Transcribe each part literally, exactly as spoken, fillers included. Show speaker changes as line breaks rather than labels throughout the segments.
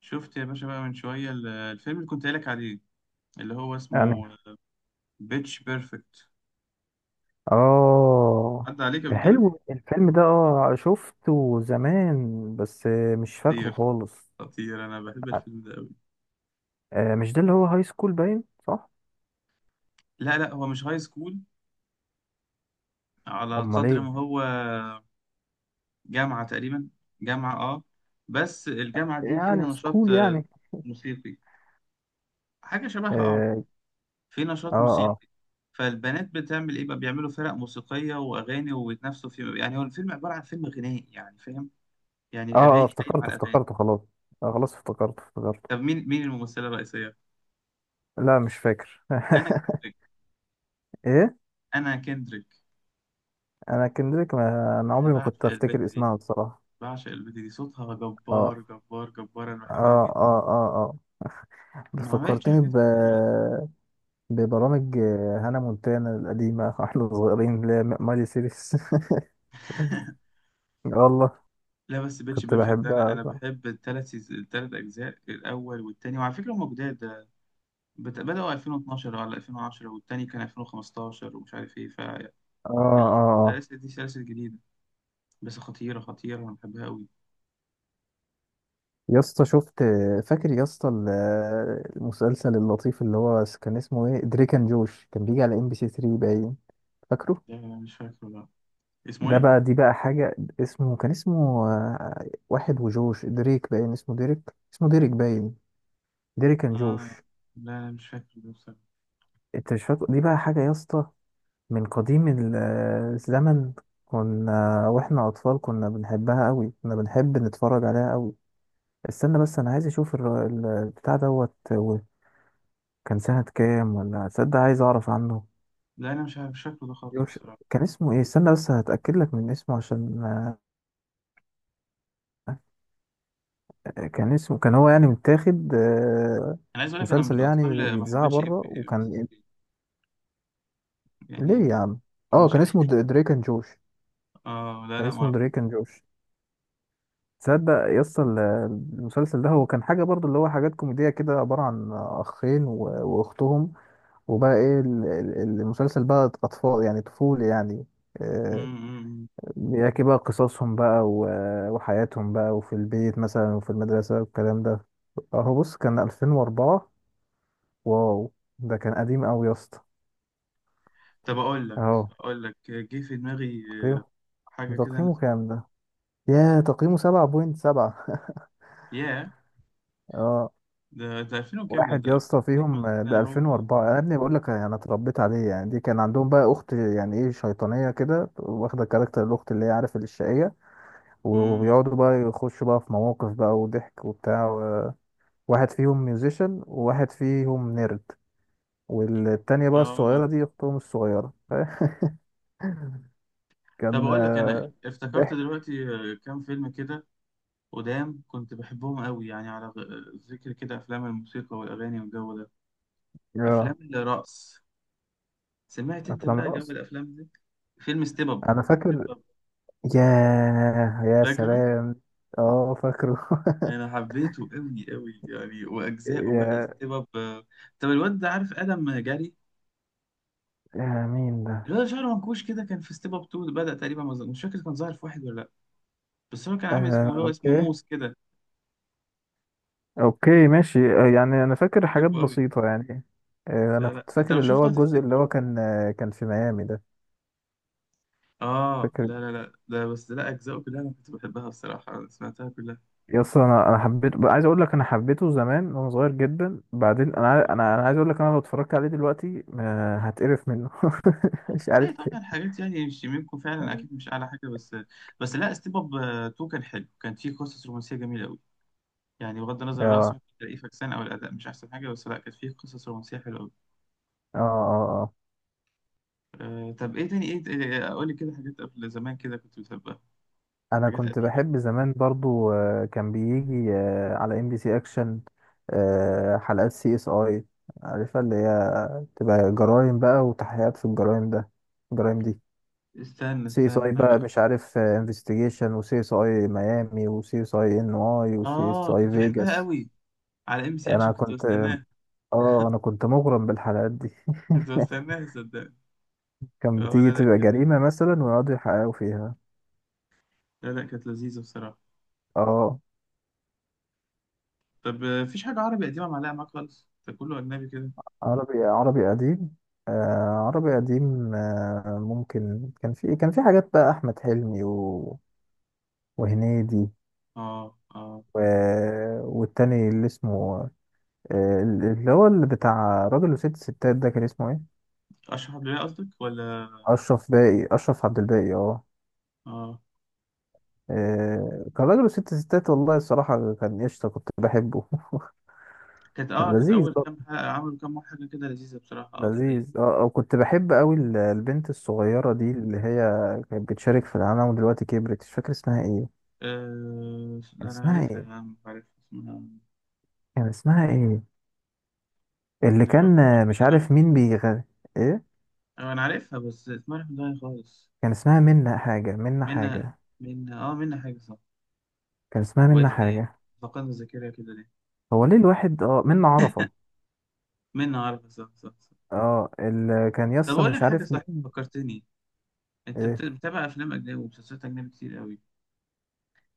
شفت يا باشا بقى من شوية ال- الفيلم اللي كنت قايلك عليه، اللي هو
يعني
اسمه بيتش بيرفكت.
اه
عدى عليك قبل كده؟
حلو الفيلم ده اه شفته زمان بس آه، مش فاكره
خطير.
خالص.
خطير، أنا بحب
آه،
الفيلم ده أوي.
آه، مش ده اللي هو هاي سكول باين صح؟
لا لا، هو مش هاي سكول، على
امال
قدر
ايه؟
ما هو جامعة تقريبا. جامعة اه. بس الجامعة دي فيها
يعني
نشاط
سكول
آه،
يعني.
موسيقي، حاجة شبهها اه،
اه
في
اه
نشاط
اه
موسيقي. فالبنات بتعمل ايه بقى؟ بيعملوا فرق موسيقية وأغاني وبيتنافسوا في، يعني هو الفيلم عبارة عن فيلم غنائي، يعني فاهم، يعني
اه آه،
أغاني قايم
افتكرته
على أغاني.
افتكرته خلاص. آه خلاص افتكرته
طب
افتكرته
مين مين الممثلة الرئيسية؟
لا مش فاكر.
انا كندريك.
ايه؟
انا كندريك.
انا كندريك. ما انا
انا
عمري ما
بعشق
كنت
البت
افتكر
دي.
اسمها بصراحة.
بعشق البت دي، صوتها
اه
جبار جبار جبار، انا بحبها
اه
جدا.
اه اه اه ده
ما عملتش
فكرتني
حاجات
ب
كتير للاسف.
ببرامج، آه، هانا مونتانا القديمة واحنا صغيرين اللي هي مالي سيريس. والله.
لا، بس بيتش
كنت
بيرفكت ده، انا
بحبها
انا
اه
بحب الثلاث سيز... الثلاث اجزاء، الاول والتاني، وعلى فكره هم جداد ده. بت... بداوا ألفين واتناشر ولا ألفين وعشرة، والتاني كان ألفين وخمستاشر، ومش عارف ايه.
اه اه
فالسلاسل دي سلاسل جديده، بس خطيره خطيره، انا بحبها قوي.
يا اسطى شفت. فاكر يا اسطى ال- المسلسل اللطيف اللي هو كان اسمه ايه؟ دريك اند جوش، كان بيجي على ام بي سي ثري باين، فاكره؟
لا لا، مش فاكره لا. اسمه
ده
ايه؟
بقى، دي بقى حاجة، اسمه كان اسمه آه، واحد وجوش دريك باين، اسمه ديريك. اسمه ديريك باين. ديريك اند
اه
جوش.
لا لا، مش فاكره ده بصراحه.
انت مش فاكر دي بقى حاجة يا اسطى، من قديم ال- الزمن. كنا واحنا اطفال كنا بنحبها قوي، كنا بنحب نتفرج عليها قوي. استنى بس، انا عايز اشوف الر- ال- البتاع دوت و- كان سنة كام ولا تصدق؟ عايز اعرف عنه.
لا، انا مش عارف، مش فاكره ده خالص
يوش،
بصراحه.
كان اسمه ايه؟ استنى بس هتأكد لك من اسمه، عشان آه، كان اسمه، كان هو يعني متاخد آه،
انا عايز اقول لك، انا من
مسلسل
الاطفال
يعني
اللي ما
بيتذاع
حبيتش ام
بره،
بي
وكان
سي تلاتة.
إيه؟
يعني
ليه يا
ده-
عم؟ اه
مش
كان اسمه
عارف.
د- دريك اند جوش.
اه لا
كان
لا، ما
اسمه
اعرفوش.
دريك اند جوش. تصدق يس ال- المسلسل ده؟ هو كان حاجة برضو، اللي هو حاجات كوميدية كده، عبارة عن أخين و- وأختهم. وبقى إيه ال- ال- المسلسل بقى أطفال يعني، طفولي يعني،
أمم،
آه،
أمم، أمم.
بيحكي بقى قصصهم بقى و- وحياتهم بقى، وفي البيت مثلا وفي المدرسة والكلام ده. أهو بص، كان ألفين وأربعة. واو. ده كان قديم أوي يا اسطى.
طب اقول لك،
أهو
اقول لك جه في دماغي
تقييمه،
حاجه كده انا
تقييمه
سمعتها.
كام ده؟ ياه، تقييمه سبعة فاصلة سبعة.
ياه،
اه
ده ده ألفين وكام ده
واحد
ده
يا
بس
اسطى
زي ما أنا
فيهم، آه،
كده انا
ده
هو.
ألفين وأربعة يا ابني، بقول لك انا اتربيت عليه يعني. دي كان عندهم بقى اخت يعني، ايه، شيطانيه كده، واخده كاركتر الاخت اللي هي، عارف، الشقيه.
امم.
وبيقعدوا بقى يخشوا بقى في مواقف بقى وضحك وبتاع و- واحد فيهم ميوزيشن وواحد فيهم نيرد. والتانية بقى
اه.
الصغيرة دي، أختهم الصغيرة
طب
كان
اقول لك، انا
آه،
افتكرت
ضحك.
دلوقتي آه، كام فيلم كده قدام كنت بحبهم قوي، يعني على غ- ذكر كده افلام الموسيقى والاغاني والجو ده.
يا.
افلام الرقص. سمعت انت
أفلام
بقى جو
رقص،
الافلام دي؟ فيلم ستيب اب.
أنا فاكر. ياه يا
فاكره؟
سلام. اه فاكره
انا حبيته قوي قوي يعني، واجزائه بقى
يا.
ستيب اب. طب الواد ده، عارف ادم جاري؟
آه مين ده؟
الواد شعره منكوش كده، كان في ستيب اب تو، بدأ تقريبا، مز- مش فاكر كان ظاهر في واحد ولا لا. بس هو كان عامل
آه
اسمه، هو اسمه
اوكي.
موس كده.
اوكي ماشي، آه يعني انا فاكر حاجات
بحبه قوي.
بسيطة يعني. آه انا
لا لا،
كنت
انت
فاكر
لو
اللي هو
شفته
الجزء اللي
هتفتكره.
هو كان آه كان في ميامي ده،
اه
فاكر
لا لا لا، ده بس لا، اجزائه كلها انا كنت بحبها الصراحه، أنا سمعتها كلها.
يا اسطى؟ انا انا حبيته، عايز اقول لك انا حبيته زمان وانا صغير جدا، بعدين انا عاي-
آه.
انا انا عايز اقول لك، انا لو اتفرجت عليه دلوقتي آه هتقرف منه مش عارف
هتلاقي طبعا
ليه.
حاجات يعني مش منكم فعلا، اكيد مش اعلى حاجه بس. بس لا، ستيب اب تو كان حلو، كان فيه قصص رومانسيه جميله قوي. يعني بغض النظر الرقص
اه
ممكن تلاقيه فكسان، او الاداء مش احسن حاجه، بس لا كانت فيه قصص رومانسيه حلوه قوي.
اه اه اه
أه طب ايه تاني؟ ايه قول لي كده حاجات قبل زمان كده كنت بتحبها.
انا
حاجات
كنت
قديمه.
بحب زمان برضو، آه، كان بيجي آه، على ام بي سي اكشن. آه، حلقات سي اس اي، عارفها؟ اللي هي تبقى جرائم بقى، وتحقيقات في الجرائم ده، الجرائم دي.
استنى
سي اس اي
استنى
بقى،
بقى.
مش عارف، انفستيجيشن، وسي اس اي ميامي، وسي اس اي ان اي، وسي اس
اه
اي
كنت بحبها
فيجاس.
قوي، على ام سي
انا
اكشن كنت
كنت،
بستناها.
اه انا كنت مغرم بالحلقات دي
كنت بستناها صدقني.
كان
اه
بتيجي
لا لا
تبقى
كانت
جريمة مثلا ويقعدوا يحققوا فيها.
لا لا كانت لذيذه بصراحه.
اه
طب آه، مفيش حاجه عربي قديمه معلقه معاك خالص؟ ده كله اجنبي كده.
عربي، عربي قديم؟ آه عربي قديم، آه ممكن كان في، كان في حاجات بقى، أحمد حلمي و... وهنيدي،
اه اه.
و... والتاني اللي اسمه، آه اللي هو، اللي بتاع راجل وست ستات، ده كان اسمه ايه؟
اشرح عبد الباقي قصدك ولا؟
أشرف باقي، أشرف عبد الباقي، اه.
اه.
آه، كان راجل وست ستات، والله الصراحة كان قشطة، كنت بحبه
كانت اه كانت
لذيذ
اول
برضه،
كام حلقه، عملوا كام حاجه كده لذيذه بصراحه، اه ده حقيقي.
لذيذ اه آه، كنت بحب قوي ال- البنت الصغيرة دي اللي هي كانت بتشارك في العالم ودلوقتي كبرت، مش فاكر اسمها ايه.
أه...
كان
لا، أنا
اسمها
عارفها
ايه؟
يا عم، عارفها اسمها.
كان اسمها ايه اللي
أنا راح-
كان،
راح
آه،
من
مش
دماغي
عارف
خالص.
مين بيغني. ايه؟
أه، أنا عارفها بس اسمها راح من دماغي خالص.
كان اسمها منا حاجة، منا
منا
حاجة.
منا آه منا حاجة صح.
كان اسمها منا
وقف إيه في إيه؟
حاجة.
فقدنا الذاكرة كده ليه؟
هو ليه الواحد، اه، منا عرفة.
منا عارفة، صح صح صح.
اه، اللي كان
طب
يسطا
أقول لك
مش
حاجة،
عارف
صح
مين.
فكرتني. أنت بت-
ايه؟
بتتابع أفلام أجنبي ومسلسلات أجنبي كتير قوي.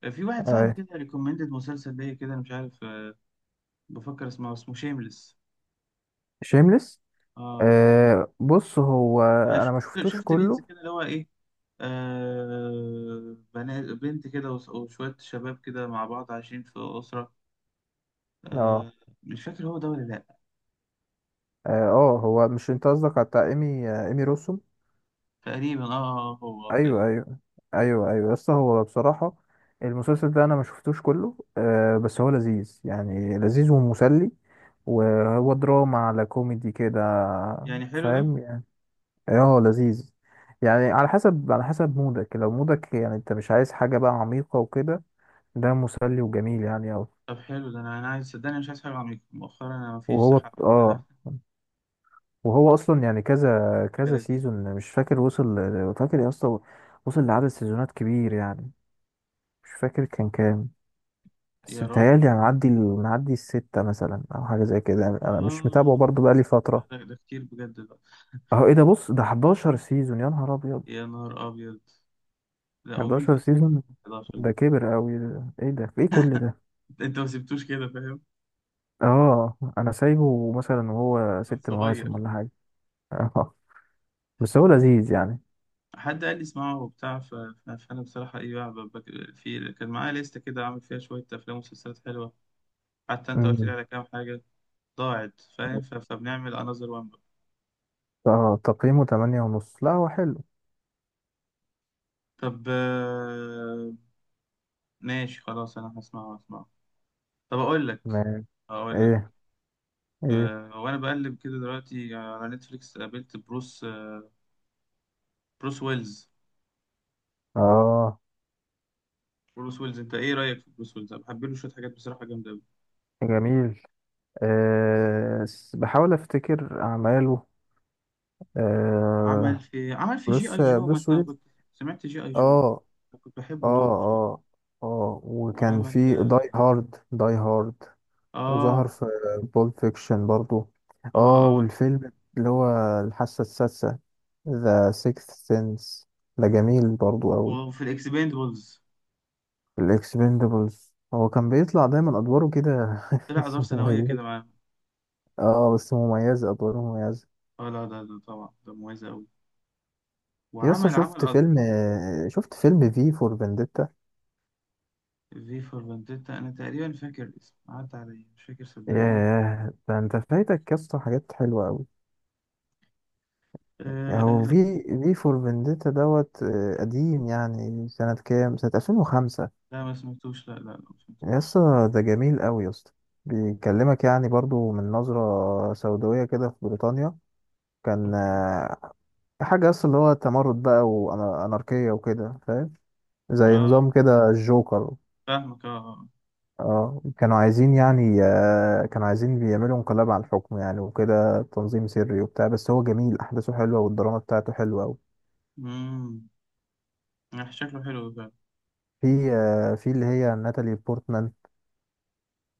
أه، في واحد صاحبي
آه.
كده ريكومندد مسلسل ليا كده، أنا مش عارف أه، بفكر اسمه اسمه شيمليس.
شيمليس.
آه.
آه، بص هو،
أنا
انا ما
شفت
شفتوش
شفت ريلز
كله.
كده، اللي هو إيه، آه بنات بنت كده وس- وشوية شباب كده مع بعض عايشين في أسرة.
اه
آه. مش فاكر هو ده ولا لأ.
اه آه، هو مش انت قصدك على بتاع ايمي، آه، ايمي روسوم؟
تقريبا اه، آه، آه، هو
ايوه
تقريبا.
ايوه. ايوه ايوه، بس هو بصراحه المسلسل ده انا ما شفتوش كله، آه بس هو لذيذ يعني، لذيذ ومسلي، وهو دراما على كوميدي كده،
يعني حلو ده.
فاهم يعني؟ اه لذيذ. يعني على حسب على حسب مودك، لو مودك يعني انت مش عايز حاجه بقى عميقه وكده، ده مسلي وجميل يعني اوي.
طب حلو ده، أنا أنا عايز صدقني، مش عايز حاجة عميقة مؤخرا، أنا مفيش
وهو،
صحة حتى.
اه وهو اصلا يعني كذا
حاجة
كذا
لذيذة كده.
سيزون، مش فاكر وصل. فاكر يا اسطى؟ وصل لعدد سيزونات كبير يعني، مش فاكر كان كام. بس
يا راجل.
بتهيألي أنا معدي ال- معدي الستة مثلا أو حاجة زي كده يعني. أنا مش
اه.
متابعه برضه بقالي فترة.
ده, ده كتير بجد بقى.
أهو إيه ده؟ بص، ده حداشر سيزون، يا نهار أبيض.
يا نهار أبيض. لا، ومين
حداشر
فيه صحة؟
سيزون.
حداشر.
ده كبر أوي ده. إيه ده؟ في إيه كل ده؟
ده أنت ما سبتوش كده فاهم.
آه أنا سايبه مثلا وهو
كان
ست مواسم
صغير.
ولا حاجة. آه، بس هو لذيذ يعني.
حد قال لي اسمعه وبتاع، ف- ف- فانا بصراحه ايه بقى، ب- بك- في كان معايا لسته كده عامل فيها شويه افلام ومسلسلات حلوه. حتى انت قلت لي
أمم.
على كام حاجه ضاعت، فاهم؟ ف- فبنعمل انذر وان بقى.
آه تقييمه تمانية ونص، لا هو حلو.
طب آه، ماشي خلاص، انا هسمعه هسمعه. طب اقول لك،
تمام.
اقول لك
إيه؟ إيه؟
آه، وانا بقلب كده دلوقتي على نتفليكس، قابلت بروس آه، بروس ويلز.
آه
بروس ويلز، انت ايه رايك في بروس ويلز؟ انا بحب له شويه حاجات بصراحه جامده قوي.
جميل. آه س- بحاول أفتكر أعماله.
عمل
آه،
في عمل في جي اي
بروس،
جو، ما
بروس
انت
ويلز.
كنت سمعت جي اي
اه
جو. أنا كنت
اه
بحبه دوره.
اه اه وكان
وعمل
في
اه.
داي هارد، داي هارد. وظهر
اه,
في بول فيكشن برضو.
اه.
اه
آه.
والفيلم اللي هو الحاسة السادسة، ذا سيكث سينس، ده جميل برضو قوي.
وفي الاكسبندبلز.
الاكسبندبلز، هو كان بيطلع دايما ادواره كده
طلع ادوار ثانويه
مميزة.
كده معاهم.
اه بس مميزة، ادواره مميزة.
اه لا، ده ده طبعا ده مميز قوي.
يسا
وعمل عمل
شفت
أد...
فيلم، شفت فيلم في فور فينديتا؟
في فور فانديتا، انا تقريبا فاكر الاسم، عدى عليا مش فاكر صدقني.
ياه، ده انت فايتك يسطا حاجات حلوة أوي.
آه
يعني هو
آه
في
آه.
في فور فينديتا دوت، آه، قديم، يعني سنة كام؟ سنة ألفين وخمسة.
لا ما سمعتوش، لا لا لا ما سمعتوش.
يا اسطى ده جميل قوي يا اسطى، بيكلمك يعني برضو من نظرة سوداوية كده في بريطانيا. كان
اوكي.
آه، حاجة أصلا اللي هو تمرد بقى وأناركية وكده، فاهم، زي
اه
نظام كده الجوكر.
فاهمك اه آه.
اه كانوا عايزين يعني، آه، كانوا عايزين بيعملوا انقلاب على الحكم يعني وكده، تنظيم سري وبتاع، بس هو جميل، أحداثه حلوة والدراما بتاعته حلوة أوي.
امم. آه، شكله حلو فعلا.
في، آه، في اللي هي ناتالي بورتمان،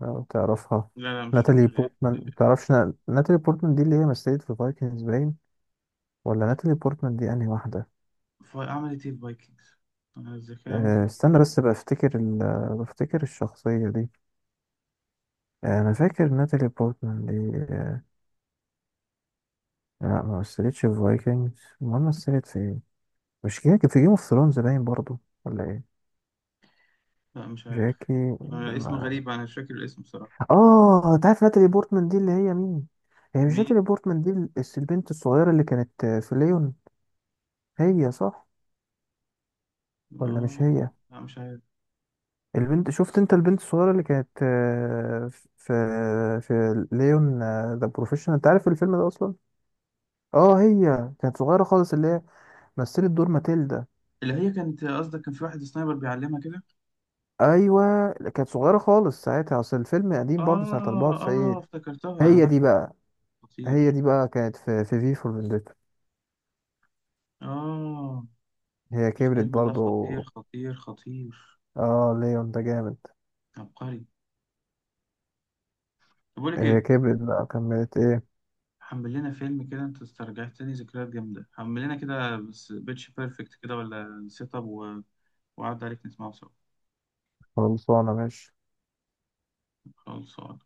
لو تعرفها؟
لا لا مش فاكر
ناتالي
ال- ال-
بورتمان تعرفش؟ نا... ناتالي بورتمان دي اللي هي مثلت في فايكنجز باين، ولا ناتالي بورتمان دي انهي واحدة؟
الاسم. عملت ايه الفايكنجز؟ انا الذاكره ممكن
أه
ما
استنى
اجيبهاش.
بس بفتكر ال... بفتكر الشخصية دي. آه، انا فاكر ناتالي بورتمان دي، أه... لا ما مثلتش في فايكنجز، امال مثلت في ايه؟ مش جاكي في جيم اوف ثرونز باين برضو، ولا ايه؟
لا مش عارف.
جاكي؟
آه، الاسم
لما.
غريب، انا مش فاكر الاسم بصراحه.
اه انت عارف ناتالي بورتمان دي اللي هي مين؟ هي مش
مين؟
ناتالي بورتمان دي الس- البنت الصغيرة اللي كانت، آه، في ليون، هي، صح ولا مش
اه
هي؟
لا مش عارف.
البنت، شفت انت، البنت الصغيرة اللي كانت، آه، في في ليون، ذا بروفيشنال، انت عارف الفيلم ده اصلا؟ اه هي كانت صغيرة خالص، اللي هي مثلت دور ماتيلدا.
اللي هي كانت قصدك كان في واحد سنايبر بيعلمها كده.
ايوه كانت صغيرة خالص ساعتها، اصل الفيلم قديم برضه سنة
اه اه،
أربعة وتسعين.
افتكرتها، انا
هي دي
بعشق.
بقى. هي
خطير.
دي بقى كانت في في في فور فينديتا.
اه
هي كبرت
الفيلم ده خطير
برضه.
خطير خطير.
اه ليون ده جامد.
عبقري. طب بقول لك
هي
ايه،
كبرت بقى، كملت ايه؟
حمل لنا فيلم كده، انت استرجعتني ذكريات جامده. حمل لنا كده بس بيتش بيرفكت كده، ولا سيت اب و... وقعد عليك نسمعه سوا.
خلصانة ماشي.
خلاص.